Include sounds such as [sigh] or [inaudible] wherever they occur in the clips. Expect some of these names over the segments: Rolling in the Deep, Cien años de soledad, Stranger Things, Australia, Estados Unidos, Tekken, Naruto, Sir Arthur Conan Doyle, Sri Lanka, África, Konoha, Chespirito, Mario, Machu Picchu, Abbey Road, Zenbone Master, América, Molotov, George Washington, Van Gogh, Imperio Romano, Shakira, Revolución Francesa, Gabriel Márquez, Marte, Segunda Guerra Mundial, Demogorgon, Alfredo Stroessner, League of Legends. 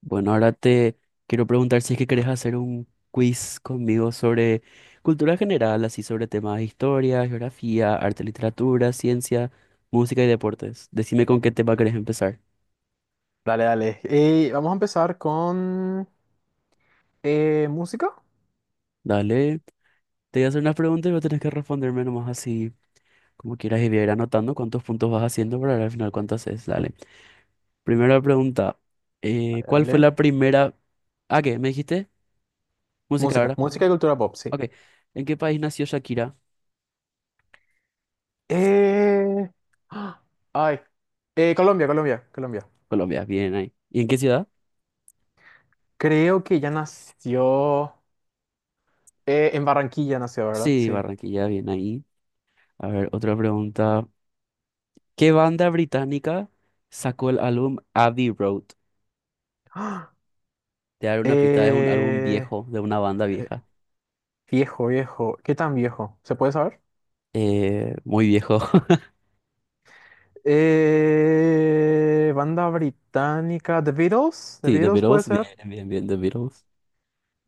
Bueno, ahora te quiero preguntar si es que querés hacer un quiz conmigo sobre cultura general, así sobre temas de historia, geografía, arte, literatura, ciencia, música y deportes. Decime con qué tema querés empezar. Dale, dale. Y vamos a empezar con música. Dale, te voy a hacer unas preguntas y vos tenés que responderme nomás así como quieras y voy a ir anotando cuántos puntos vas haciendo para ver al final cuánto haces. Dale. Primera pregunta, Dale, ¿cuál fue la dale. primera... Ah, ¿qué? ¿Me dijiste? Música, Música, ¿verdad? música y cultura pop, sí. Ok. ¿En qué país nació Shakira? Eh, ah, Ay. Colombia, Colombia, Colombia. Colombia, bien ahí. ¿Y en qué ciudad? Creo que ya nació. En Barranquilla nació, ¿verdad? Sí, Sí. Barranquilla, bien ahí. A ver, otra pregunta. ¿Qué banda británica sacó el álbum Abbey Road? Ah, Te daré una pista, es un álbum eh, viejo, de una banda eh, vieja. Viejo, viejo. ¿Qué tan viejo? ¿Se puede saber? Muy viejo. [laughs] Banda británica. The Beatles. The Sí, The Beatles puede Beatles. Bien, ser. bien, bien, The Beatles.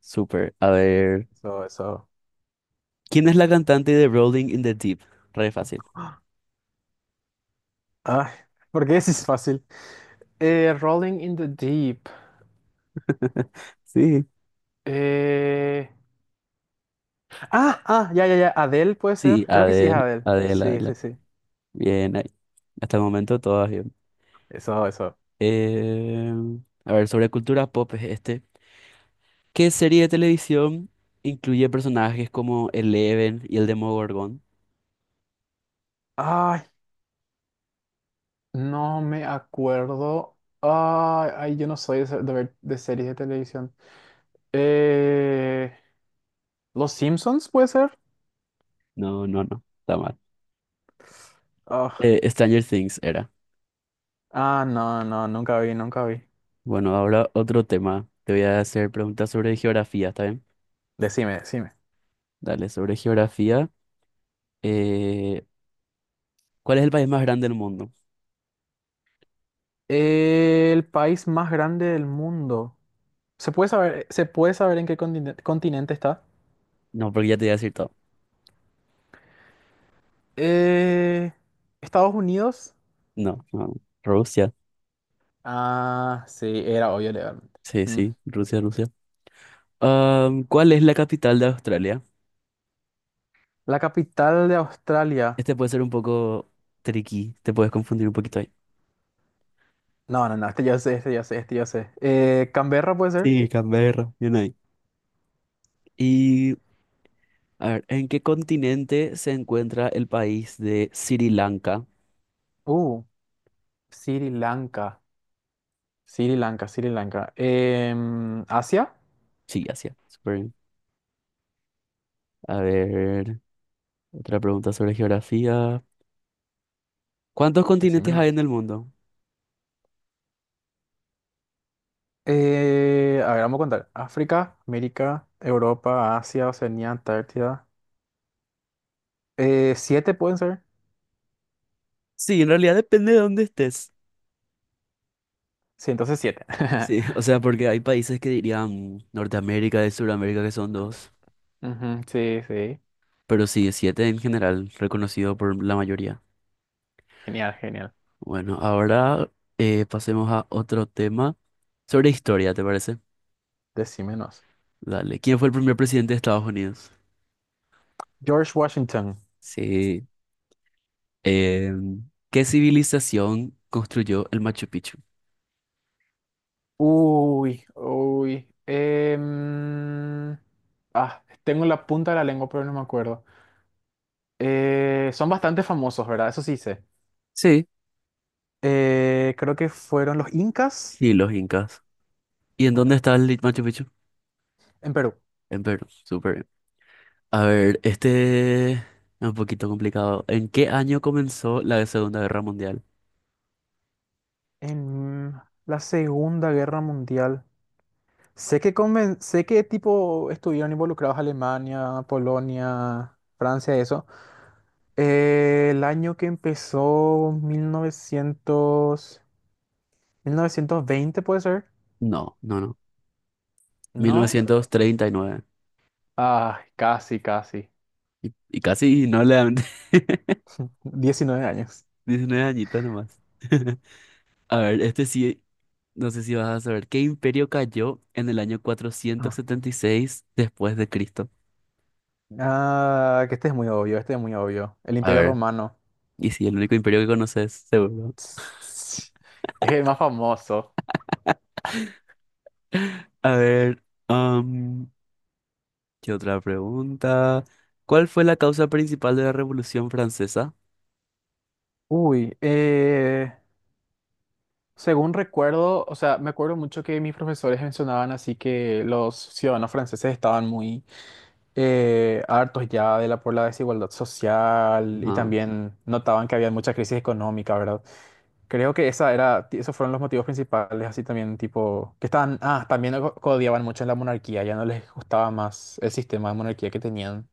Súper. A ver, Eso, eso. ¿quién es la cantante de Rolling in the Deep? Re fácil. Ay, porque [laughs] ese es fácil. Rolling in the Deep. [laughs] Sí. Eh, ya, ya, ya. Adele puede ser. Sí, Creo que sí es Adele, Adele. Adele, Sí, Adele. sí, sí. Bien, ahí. Hasta el momento todas bien. Eso, eso. Eh, a ver, sobre cultura pop es este. ¿Qué serie de televisión incluye personajes como Eleven y el Demogorgon? Ay, no me acuerdo. Ay, ay, yo no soy de ver de series de televisión. Eh, ¿Los Simpsons puede ser? No, no, no, está mal. Ah, Stranger Things era. No, no, nunca vi, nunca vi. Bueno, ahora otro tema. Te voy a hacer preguntas sobre geografía, ¿está bien? Decime, decime. Dale, sobre geografía. eh, ¿Cuál es el país más grande del mundo? El país más grande del mundo. Se puede saber en qué continente está? No, porque ya te voy a decir todo. Eh, Estados Unidos. No, no. Rusia. Ah, sí, era obvio legalmente. Sí, Mm. sí, Rusia, Rusia. ¿Cuál es la capital de Australia? La capital de Australia. Este puede ser un poco tricky, te puedes confundir un poquito ahí. No, no, no, este ya sé, este ya sé, este ya sé. Canberra puede ser. Sí, Canberra, bien ahí. Y a ver, ¿en qué continente se encuentra el país de Sri Lanka? Uh, Sri Lanka, Sri Lanka, Sri Lanka. Asia. Sí, Asia. Súper bien. A ver, otra pregunta sobre geografía. ¿Cuántos Decime continentes hay en nomás. el mundo? A ver, vamos a contar. África, América, Europa, Asia, Oceanía, Antártida. ¿Siete pueden ser? Sí, en realidad depende de dónde estés. Sí, entonces siete. Sí, [laughs] o [laughs] sea, porque hay países que dirían Norteamérica y Sudamérica que son dos, Ujú, sí, sí. pero sí, siete en general, reconocido por la mayoría. Genial, genial. Bueno, ahora pasemos a otro tema sobre historia, ¿te parece? Decímenos. Dale, ¿quién fue el primer presidente de Estados Unidos? George Washington. Sí. Eh, ¿Qué civilización construyó el Machu Picchu? Uy, uy. Tengo la punta de la lengua, pero no me acuerdo. Son bastante famosos, ¿verdad? Eso sí sé. Sí, Creo que fueron los incas. sí, los incas. ¿Y en dónde Bueno, está el Machu Picchu? en Perú. En Perú. Súper bien. A ver, este es un poquito complicado. ¿En qué año comenzó la Segunda Guerra Mundial? En la Segunda Guerra Mundial. Sé que tipo estuvieron involucrados Alemania, Polonia, Francia, eso. El año que empezó, 1920, puede ser. No, no, no. mil ¿No? novecientos treinta Y, nueve. Ay, casi, casi. Y casi no le dan. [laughs] [laughs] 19 años. 19 añitos nomás. [laughs] A ver, este sí, no sé si vas a saber. ¿Qué imperio cayó en el año cuatrocientos Ah, setenta y seis después de Cristo? Que este es muy obvio, este es muy obvio. El A Imperio ver. Romano. Y sí, el único imperio que conoces, seguro. Es el más famoso. A ver, ¿qué otra pregunta? ¿Cuál fue la causa principal de la Revolución Francesa? Uy, según recuerdo, o sea, me acuerdo mucho que mis profesores mencionaban así que los ciudadanos franceses estaban muy hartos ya por la desigualdad social y Ajá, también notaban que había mucha crisis económica, ¿verdad? Creo que esa era, esos fueron los motivos principales, así también, tipo, que estaban, también odiaban mucho la monarquía, ya no les gustaba más el sistema de monarquía que tenían,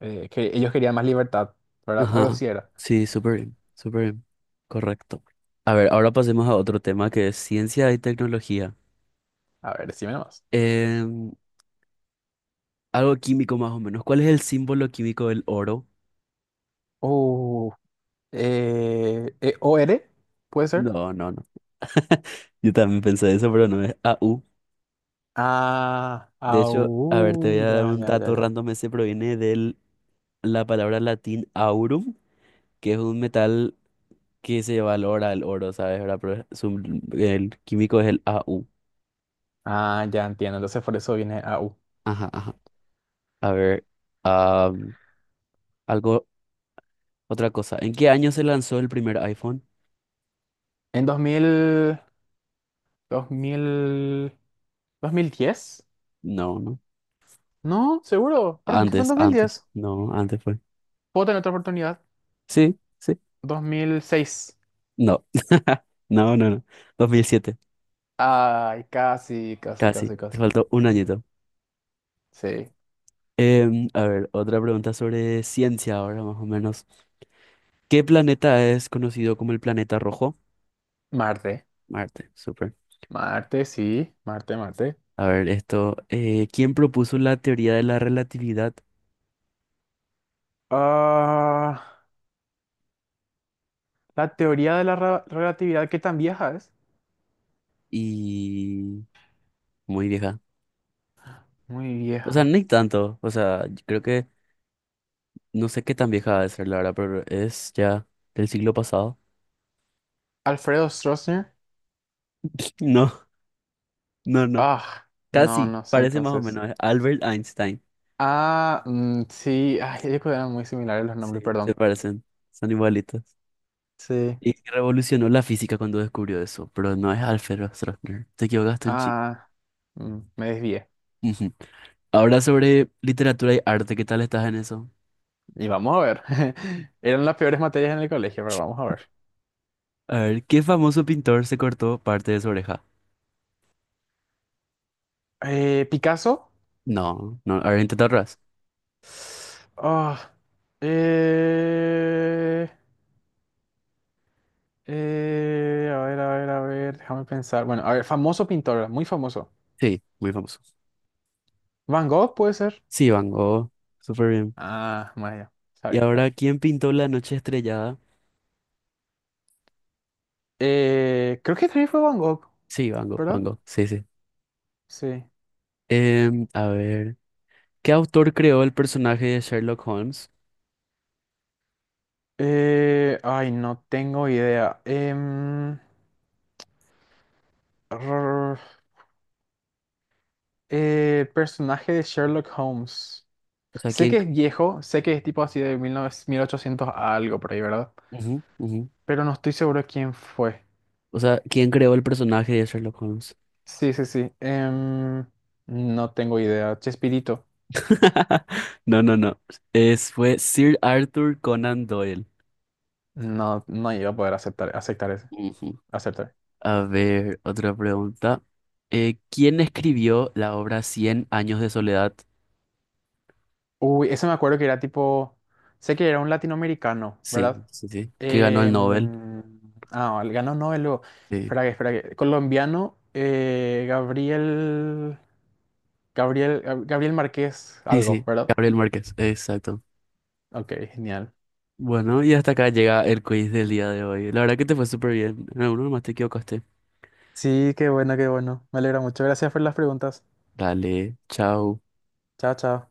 que ellos querían más libertad, ¿verdad? Algo ajá. así era. Sí, súper bien, súper bien. Correcto. A ver, ahora pasemos a otro tema que es ciencia y tecnología. A ver, decime nomás. Em, Algo químico más o menos. ¿Cuál es el símbolo químico del oro? Uh, ¿OR? ¿Puede ser? No, no, no. [laughs] Yo también pensé eso, pero no, es AU. De hecho, a ver, te voy AU, a ya, dar un ya, ya, dato ya. random. Ese proviene de la palabra latín aurum, que es un metal que se valora al oro, ¿sabes? ¿Verdad? Pero su- el químico es el AU. Ya entiendo, entonces por eso viene AU. Ajá, ajá. A ver, ah, algo, otra cosa. ¿En qué año se lanzó el primer iPhone? En 2000, 2000, 2010, No, no. no, seguro, para mí que fue en Antes, antes. 2010. No, antes fue. Puedo tener otra oportunidad. Sí, sí. 2006. No. [laughs] No, no, no. 2007. Ay, casi, casi, Casi. casi, Te casi. faltó un añito. Sí. A ver, otra pregunta sobre ciencia ahora, más o menos. ¿Qué planeta es conocido como el planeta rojo? Marte. Marte, súper. Marte, sí. Marte, Marte. A ver, esto, ¿quién propuso la teoría de la relatividad? Ah, la teoría de la relatividad, ¿qué tan vieja es? Y muy vieja. Muy O sea, vieja. ni tanto. O sea, yo creo que no sé qué tan vieja va a ser la verdad, pero es ya del siglo pasado. Alfredo Stroessner. [laughs] No, no, no. Ah, no, Casi, no sé parece más o entonces. menos. Es Albert Einstein. Mm, sí. Ay, yo creo que eran muy similares los nombres, Sí, se perdón. parecen. Son igualitos. Sí. Y que revolucionó la física cuando descubrió eso, pero no es Alfred Stroessner. Te equivocaste un chico. Ah, Me desvié. Ujú. Ahora sobre literatura y arte, ¿qué tal estás en eso? Y vamos a ver. [laughs] Eran las peores materias en el colegio, pero vamos a ver. A ver, ¿qué famoso pintor se cortó parte de su oreja? Picasso. No, no, a ver, intenta atrás. Ah, eh, a ver, a ver, a ver, déjame pensar. Bueno, a ver, famoso pintor, muy famoso. Sí, muy famoso. Van Gogh puede ser. Sí, Van Gogh, súper bien. Maya, Y sabe, sabe. ahora, ¿quién pintó La noche estrellada? Creo que también fue Van Gogh, Sí, Van Gogh, Van ¿verdad? Gogh, sí, sí. Sí. A ver, ¿qué autor creó el personaje de Sherlock Holmes? Ay, no tengo idea. Rrr, Personaje de Sherlock Holmes. O sea, Sé ¿quién? que es viejo, sé que es tipo así de 1900 1800 algo por ahí, ¿verdad? Ujú, ujú. Pero no estoy seguro de quién fue. O sea, ¿quién creó el personaje de Sherlock Holmes? Sí, sí, sí. No tengo idea. Chespirito. [laughs] No, no, no. Fue Sir Arthur Conan Doyle. No, no iba a poder aceptar, aceptar ese. Ujú. Aceptar. A ver, otra pregunta. ¿Quién escribió la obra Cien años de soledad? Uy, ese me acuerdo que era tipo. Sé que era un latinoamericano, ¿verdad? Sí, sí, sí. Que ganó el Nobel. Em, el ganó Nobel luego. Sí, Espera que, espera que. Colombiano, Gabriel. Gabriel. Gabriel Márquez, sí, algo, sí. ¿verdad? Gabriel Márquez, exacto. Ok, genial. Bueno, y hasta acá llega el quiz del día de hoy. La verdad que te fue súper bien. En alguno nomás te equivocaste. Sí, qué bueno, qué bueno. Me alegra mucho. Gracias por las preguntas. Dale, chao. Chao, chao.